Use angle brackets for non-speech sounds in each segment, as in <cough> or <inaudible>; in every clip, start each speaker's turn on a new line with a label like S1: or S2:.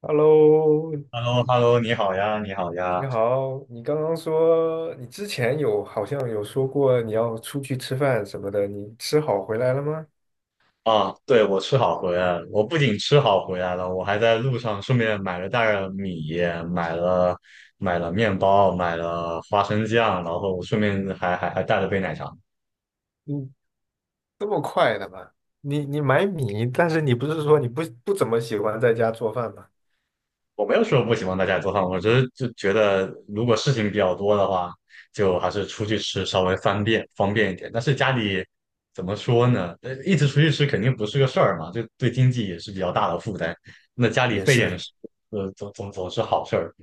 S1: Hello，
S2: h e l l o h e l l o 你好呀，你好呀！
S1: 你好，你刚刚说你之前有好像有说过你要出去吃饭什么的，你吃好回来了吗？
S2: 啊，对，我吃好回来了。我不仅吃好回来了，我还在路上顺便买了袋儿米，买了买了面包，买了花生酱，然后顺便还带了杯奶茶。
S1: 你这么快的吗？你买米，但是你不是说你不怎么喜欢在家做饭吗？
S2: 我没有说不喜欢在家做饭，我只是就觉得如果事情比较多的话，就还是出去吃稍微方便一点。但是家里怎么说呢？一直出去吃肯定不是个事儿嘛，就对经济也是比较大的负担。那家里
S1: 也
S2: 备
S1: 是
S2: 点食，总是好事儿。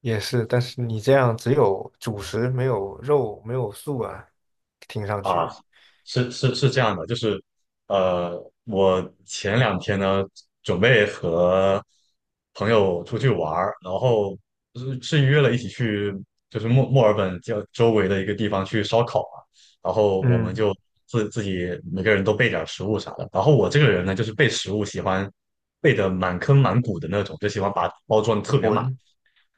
S1: 也是，但是你这样只有主食没有肉没有素啊，听上
S2: 啊，
S1: 去，
S2: 是是是这样的，就是，我前两天呢，准备和朋友出去玩儿，然后是约了一起去，就是墨尔本叫周围的一个地方去烧烤嘛，然后我们
S1: 嗯，
S2: 就自己每个人都备点儿食物啥的，然后我这个人呢，就是备食物喜欢备的满坑满谷的那种，就喜欢把包装得特别满，
S1: 混，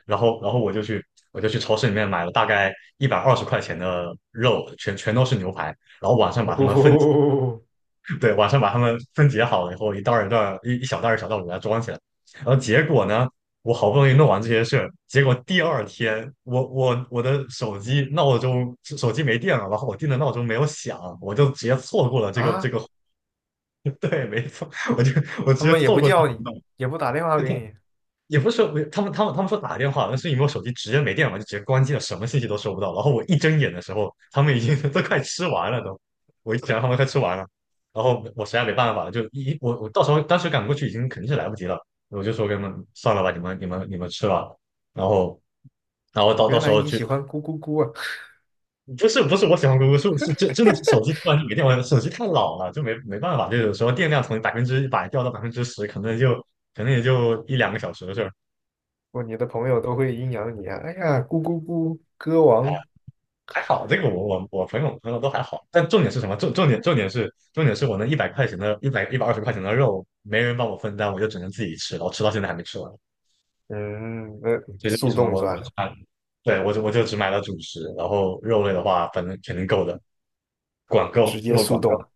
S2: 然后我就去超市里面买了大概一百二十块钱的肉，全都是牛排，然后晚上把它们分，
S1: 哦
S2: <laughs> 对，晚上把它们分解好了以后，一小袋儿一小袋儿给它装起来，然后结果呢？我好不容易弄完这些事儿，结果第二天我的手机闹钟手机没电了，然后我定的闹钟没有响，我就直接错过了这个这
S1: 啊，
S2: 个，<laughs> 对，没错，我就我直
S1: 他
S2: 接
S1: 们也
S2: 错
S1: 不
S2: 过这个
S1: 叫你，
S2: 运动，
S1: 也不打电话给你，
S2: 也不是说他们说打电话，但是因为我手机直接没电了，就直接关机了，什么信息都收不到。然后我一睁眼的时候，他们已经 <laughs> 都快吃完了都，我一想他们快吃完了，然后我实在没办法了，就一我我到时候当时赶过去已经肯定是来不及了，我就说给他们算了吧，你们吃吧。然后然后到到
S1: 原
S2: 时
S1: 来
S2: 候
S1: 你
S2: 去，
S1: 喜欢咕咕咕啊。
S2: 不是不是我喜欢姑姑，是真的是手机突然就没电了，手机太老了，就没办法，就有时候电量从100%掉到10%，可能也就一两个小时的事儿。
S1: 不，你的朋友都会阴阳你啊！哎呀，咕咕咕，歌王，
S2: 还好，这个我朋友都还好，但重点是什么？重点是我那一百二十块钱的肉，没人帮我分担，我就只能自己吃，然后吃到现在还没吃完。
S1: 嗯，那
S2: 这是为
S1: 速
S2: 什么
S1: 冻
S2: 我我
S1: 算
S2: 就
S1: 了，
S2: 买，对，我就只买了主食，然后肉类的话，反正肯定够的，管
S1: 直
S2: 够
S1: 接
S2: 肉
S1: 速
S2: 管够，
S1: 冻，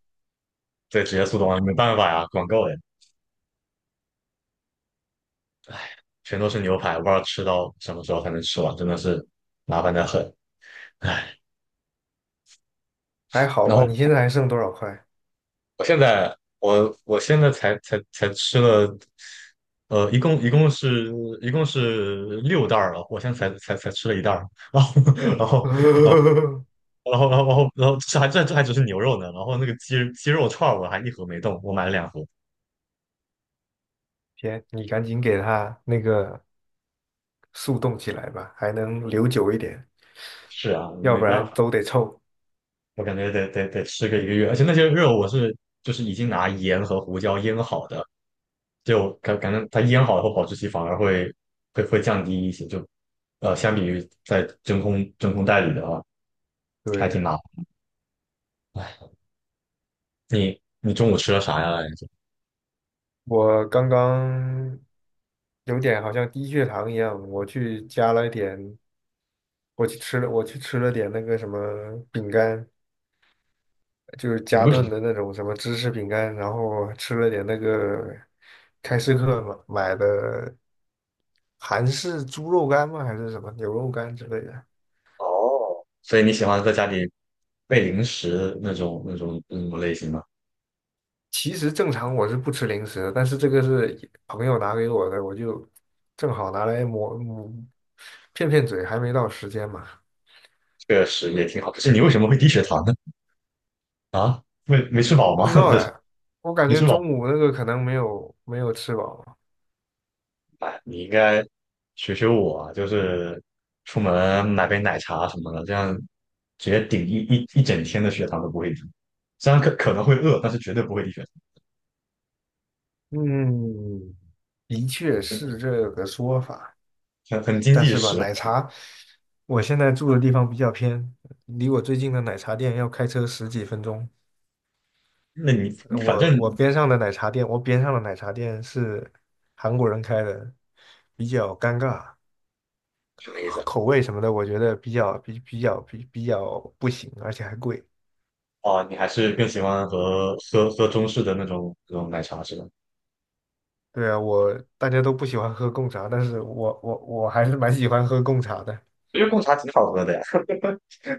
S2: 对，直接速冻啊，没办法呀，管够哎，全都是牛排，我不知道吃到什么时候才能吃完，真的是麻烦的很，唉。
S1: 还好
S2: 然
S1: 吧？
S2: 后
S1: 你现在还剩多少块？
S2: 我现在我现在才吃了，呃，一共一共是一共是6袋儿了，我现在才吃了一袋儿，然后 <laughs>
S1: <laughs>
S2: 然后这还只是牛肉呢，然后那个鸡肉串儿我还一盒没动，我买了2盒。
S1: 天，你赶紧给他那个速冻起来吧，还能留久一点，
S2: 是啊，
S1: 要
S2: 没
S1: 不
S2: 办
S1: 然
S2: 法，
S1: 都得臭。
S2: 我感觉得吃个1个月，而且那些肉就是已经拿盐和胡椒腌好的，就感觉它腌好以后保质期反而会降低一些，就相比于在真空袋里的啊。还挺麻
S1: 对，
S2: 烦。哎，你中午吃了啥呀？
S1: 我刚刚有点好像低血糖一样，我去加了一点，我去吃了点那个什么饼干，就是
S2: 你
S1: 加
S2: 为什么？
S1: 顿的那种什么芝士饼干，然后吃了点那个开市客买的韩式猪肉干吗？还是什么牛肉干之类的。
S2: 哦，所以你喜欢在家里备零食那种类型吗？
S1: 其实正常我是不吃零食的，但是这个是朋友拿给我的，我就正好拿来抹抹骗骗嘴，还没到时间嘛。
S2: 确实也挺好。可是你为什么会低血糖呢？没吃饱
S1: 不
S2: 吗？
S1: 知
S2: <laughs>
S1: 道
S2: 这种
S1: 哎，我感
S2: 没
S1: 觉
S2: 吃饱，
S1: 中午那个可能没有吃饱。
S2: 哎，你应该学学我啊，就是出门买杯奶茶什么的，这样直接顶一整天的血糖都不会低。虽然可能会饿，但是绝对不会低血
S1: 嗯，的确
S2: 糖，
S1: 是这个说法。
S2: 很经
S1: 但
S2: 济
S1: 是吧，
S2: 实
S1: 奶
S2: 惠。
S1: 茶，我现在住的地方比较偏，离我最近的奶茶店要开车十几分钟。
S2: 那你反正
S1: 我边上的奶茶店是韩国人开的，比较尴尬，
S2: 什么意思啊？
S1: 口味什么的，我觉得比较不行，而且还贵。
S2: 哦，你还是更喜欢喝中式的那种奶茶是吧？
S1: 对啊，我大家都不喜欢喝贡茶，但是我还是蛮喜欢喝贡茶的。
S2: 我觉得贡茶挺好喝的呀，<laughs>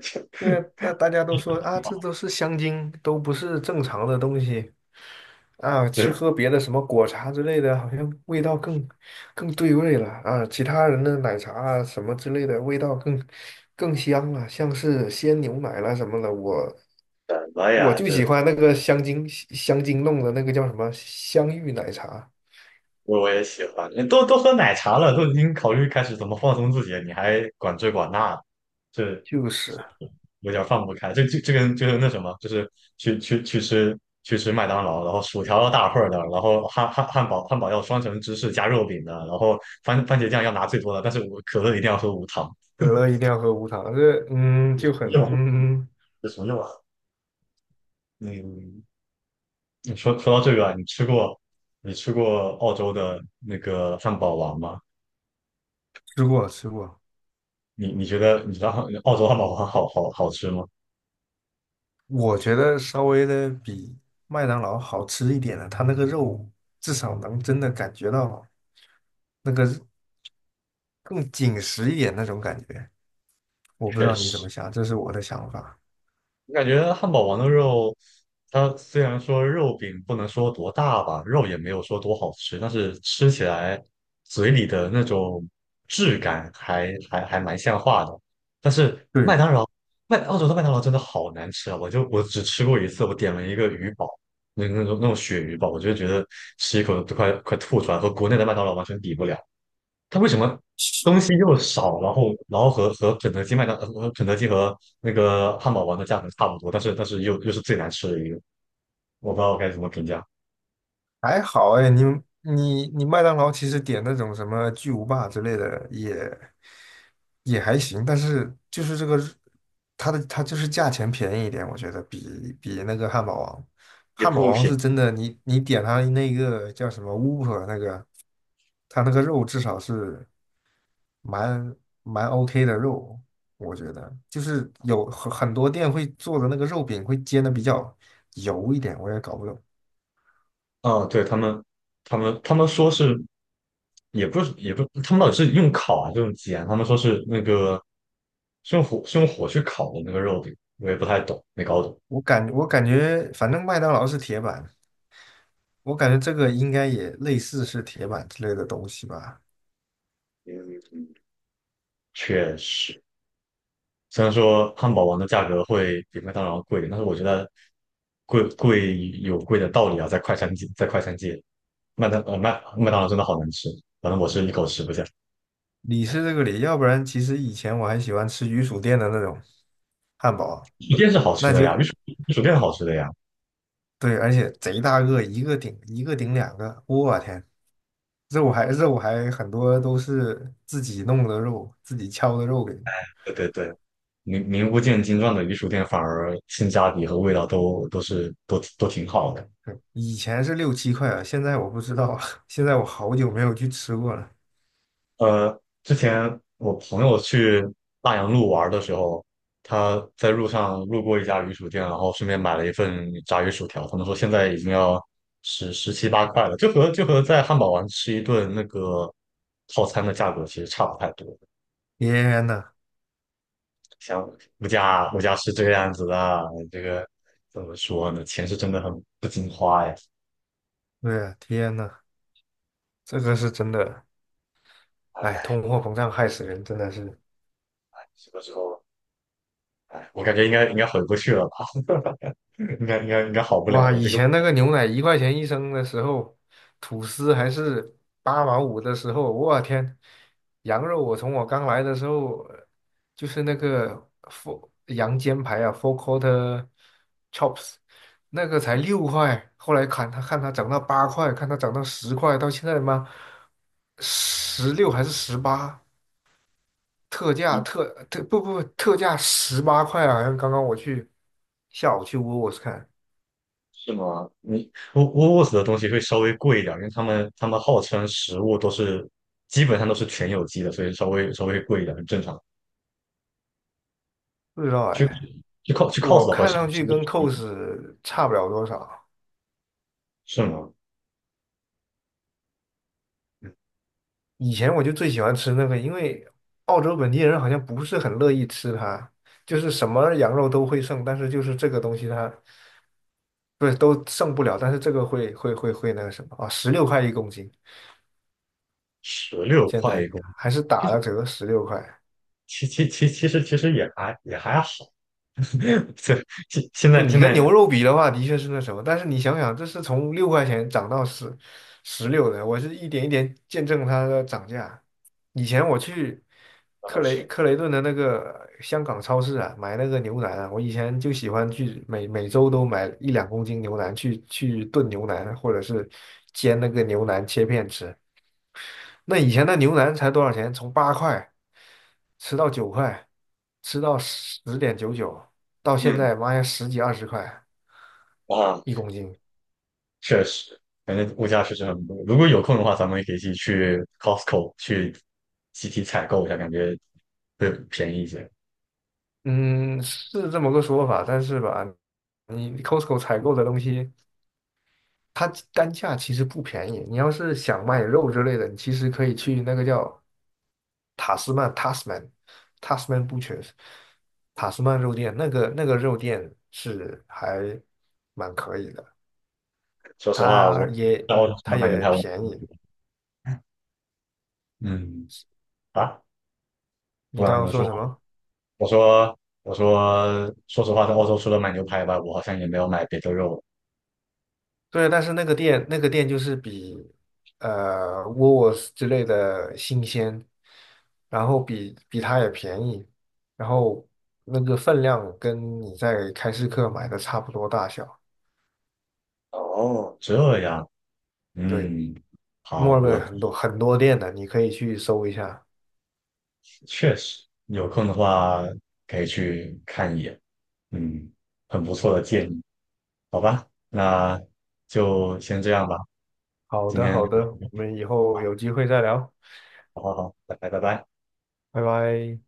S2: 这
S1: 对，大家都说啊，这都是香精，都不是正常的东西啊。吃
S2: 这
S1: 喝别的什么果茶之类的，好像味道更对味了啊。其他人的奶茶啊什么之类的，味道更香了，像是鲜牛奶啦什么的。我
S2: 什么
S1: 我
S2: 呀？
S1: 就喜欢那个香精弄的那个叫什么香芋奶茶，
S2: 我也喜欢，你都喝奶茶了，都已经考虑开始怎么放松自己了，你还管这管那，这
S1: 就是
S2: 有点放不开。这跟就是那什么，就是去去去吃去吃麦当劳，然后薯条要大份儿的，然后汉堡要双层芝士加肉饼的，然后番茄酱要拿最多的，但是我可乐一定要喝无糖，
S1: 可乐一定要喝无糖，这
S2: <laughs> 有
S1: 就
S2: 什
S1: 很
S2: 么用啊？有什么用啊？嗯，你说到这个啊，你吃过澳洲的那个汉堡王吗？
S1: 吃过吃过。
S2: 你觉得你知道澳洲汉堡王好吃吗？
S1: 我觉得稍微的比麦当劳好吃一点的，它那个肉至少能真的感觉到那个更紧实一点那种感觉。我不知
S2: 确
S1: 道你怎
S2: 实。
S1: 么想，这是我的想法。
S2: 我感觉汉堡王的肉，它虽然说肉饼不能说多大吧，肉也没有说多好吃，但是吃起来嘴里的那种质感还蛮像话的。但是麦
S1: 对，
S2: 当劳，澳洲的麦当劳真的好难吃啊！我只吃过一次，我点了一个鱼堡，那种鳕鱼堡，我就觉得吃一口都快吐出来，和国内的麦当劳完全比不了。它为什么东西又少，然后和肯德基、和那个汉堡王的价格差不多，但是又是最难吃的一个，我不知道该怎么评价，
S1: 还好哎，你麦当劳其实点那种什么巨无霸之类的也还行，但是就是这个它就是价钱便宜一点，我觉得比那个汉堡王，
S2: 也
S1: 汉堡
S2: 不
S1: 王
S2: 便
S1: 是真
S2: 宜
S1: 的，你点它那个叫什么 w h o 那个，它那个肉至少是蛮蛮 OK 的肉，我觉得就是有很多店会做的那个肉饼会煎的比较油一点，我也搞不懂。
S2: 啊，对他们，他们说是，也不，他们到底是用烤啊是用煎？他们说是那个是用火去烤的那个肉饼，我也不太懂，没搞懂。
S1: 我感觉，反正麦当劳是铁板，我感觉这个应该也类似是铁板之类的东西吧。
S2: 嗯，确实。虽然说汉堡王的价格会比麦当劳贵，但是我觉得贵有贵的道理啊，在快餐界，麦当劳真的好难吃，反正我是一口吃不下。
S1: 里是这个里，要不然其实以前我还喜欢吃鱼薯店的那种汉堡，
S2: 鱼薯店是好吃
S1: 那
S2: 的呀，
S1: 就
S2: 鱼薯店好吃的呀，
S1: 对，而且贼大个，一个顶两个，我天，肉还很多都是自己弄的肉，自己敲的肉给。
S2: 对对对，名不见经传的鱼薯店反而性价比和味道都都是都都挺好的。
S1: 对以前是六七块啊，现在我不知道了，<laughs> 现在我好久没有去吃过了。
S2: 之前我朋友去大洋路玩的时候，他在路上路过一家鱼薯店，然后顺便买了一份炸鱼薯条。他们说现在已经要十七八块了，就和在汉堡王吃一顿那个套餐的价格其实差不太多。
S1: 天呐，
S2: 像物价是这个样子的，这个怎么说呢？钱是真的很不经花呀。
S1: 对呀，天呐，这个是真的。哎，
S2: 哎，
S1: 通货膨胀害死人，真的是
S2: 什么时候？哎，我感觉应该回不去了吧，<laughs> 应该好不了
S1: 哇！
S2: 了。
S1: 以
S2: 这个。
S1: 前那个牛奶一块钱一升的时候，吐司还是8毛5的时候，我天！羊肉我从我刚来的时候，就是那个 four 羊肩排啊，four quarter chops，那个才6块，后来看它涨到八块，看它涨到十块，到现在他妈十六还是十八，特价特特不不特价18块啊！好像刚刚下午去 w o o w o r s 看，
S2: 是吗？你沃斯的东西会稍微贵一点，因为他们号称食物基本上都是全有机的，所以稍微贵一点很正常。
S1: 不知道
S2: 去
S1: 哎，
S2: 去
S1: 我
S2: cos 的话，
S1: 看上去
S2: 稍
S1: 跟
S2: 微
S1: c
S2: 便
S1: o
S2: 宜
S1: s 差不了多少。
S2: 是吗？嗯
S1: 以前我就最喜欢吃那个，因为澳洲本地人好像不是很乐意吃它，就是什么羊肉都会剩，但是就是这个东西它不是都剩不了，但是这个会那个什么啊，16块1公斤，
S2: 十六
S1: 现
S2: 块
S1: 在
S2: 一个，
S1: 还是打了折十六块。
S2: 其实其其其其实其实也还也还好，<laughs> 对，
S1: 对你
S2: 现
S1: 跟
S2: 在
S1: 牛肉比的话，的确是那什么，但是你想想，这是从6块钱涨到十六的，我是一点一点见证它的涨价。以前我去
S2: 不好吃
S1: 克雷顿的那个香港超市啊，买那个牛腩啊，我以前就喜欢去每周都买一两公斤牛腩去炖牛腩，或者是煎那个牛腩切片吃。那以前的牛腩才多少钱？从八块吃到9块，吃到10.99，到现
S2: 嗯
S1: 在妈呀十几二十块
S2: 啊，
S1: 一公斤。
S2: 确实，反正物价确实很贵。如果有空的话，咱们也可以一起去 Costco 去集体采购一下，感觉会便宜一些。
S1: 嗯，是这么个说法，但是吧，你 Costco 采购的东西，它单价其实不便宜。你要是想卖肉之类的，你其实可以去那个叫塔斯曼 （Tasman）、Tasman Butchers、塔斯曼肉店，那个肉店是还蛮可以的，
S2: 说实话，
S1: 它
S2: 我
S1: 也
S2: 在澳洲除了
S1: 它
S2: 买牛
S1: 也
S2: 排，我
S1: 便宜。
S2: 嗯啊，不
S1: 你
S2: 管
S1: 刚
S2: 怎
S1: 刚
S2: 么
S1: 说
S2: 说
S1: 什么？
S2: 我说我说，说实话，在澳洲除了买牛排外，我好像也没有买别的肉了。
S1: 对，但是那个店就是比沃斯之类的新鲜，然后比它也便宜，然后那个分量跟你在开市客买的差不多大小。
S2: 哦，这样，
S1: 对，
S2: 嗯，好，
S1: 墨尔
S2: 我
S1: 本很多很多店的，你可以去搜一下。
S2: 确实有空的话可以去看一眼，嗯，很不错的建议，好吧，那就先这样吧，
S1: 好
S2: 今
S1: 的，
S2: 天
S1: 好
S2: 就
S1: 的，
S2: 到这
S1: 我
S2: 里
S1: 们以后有机会再聊，
S2: 好好好，拜拜拜拜。
S1: 拜拜。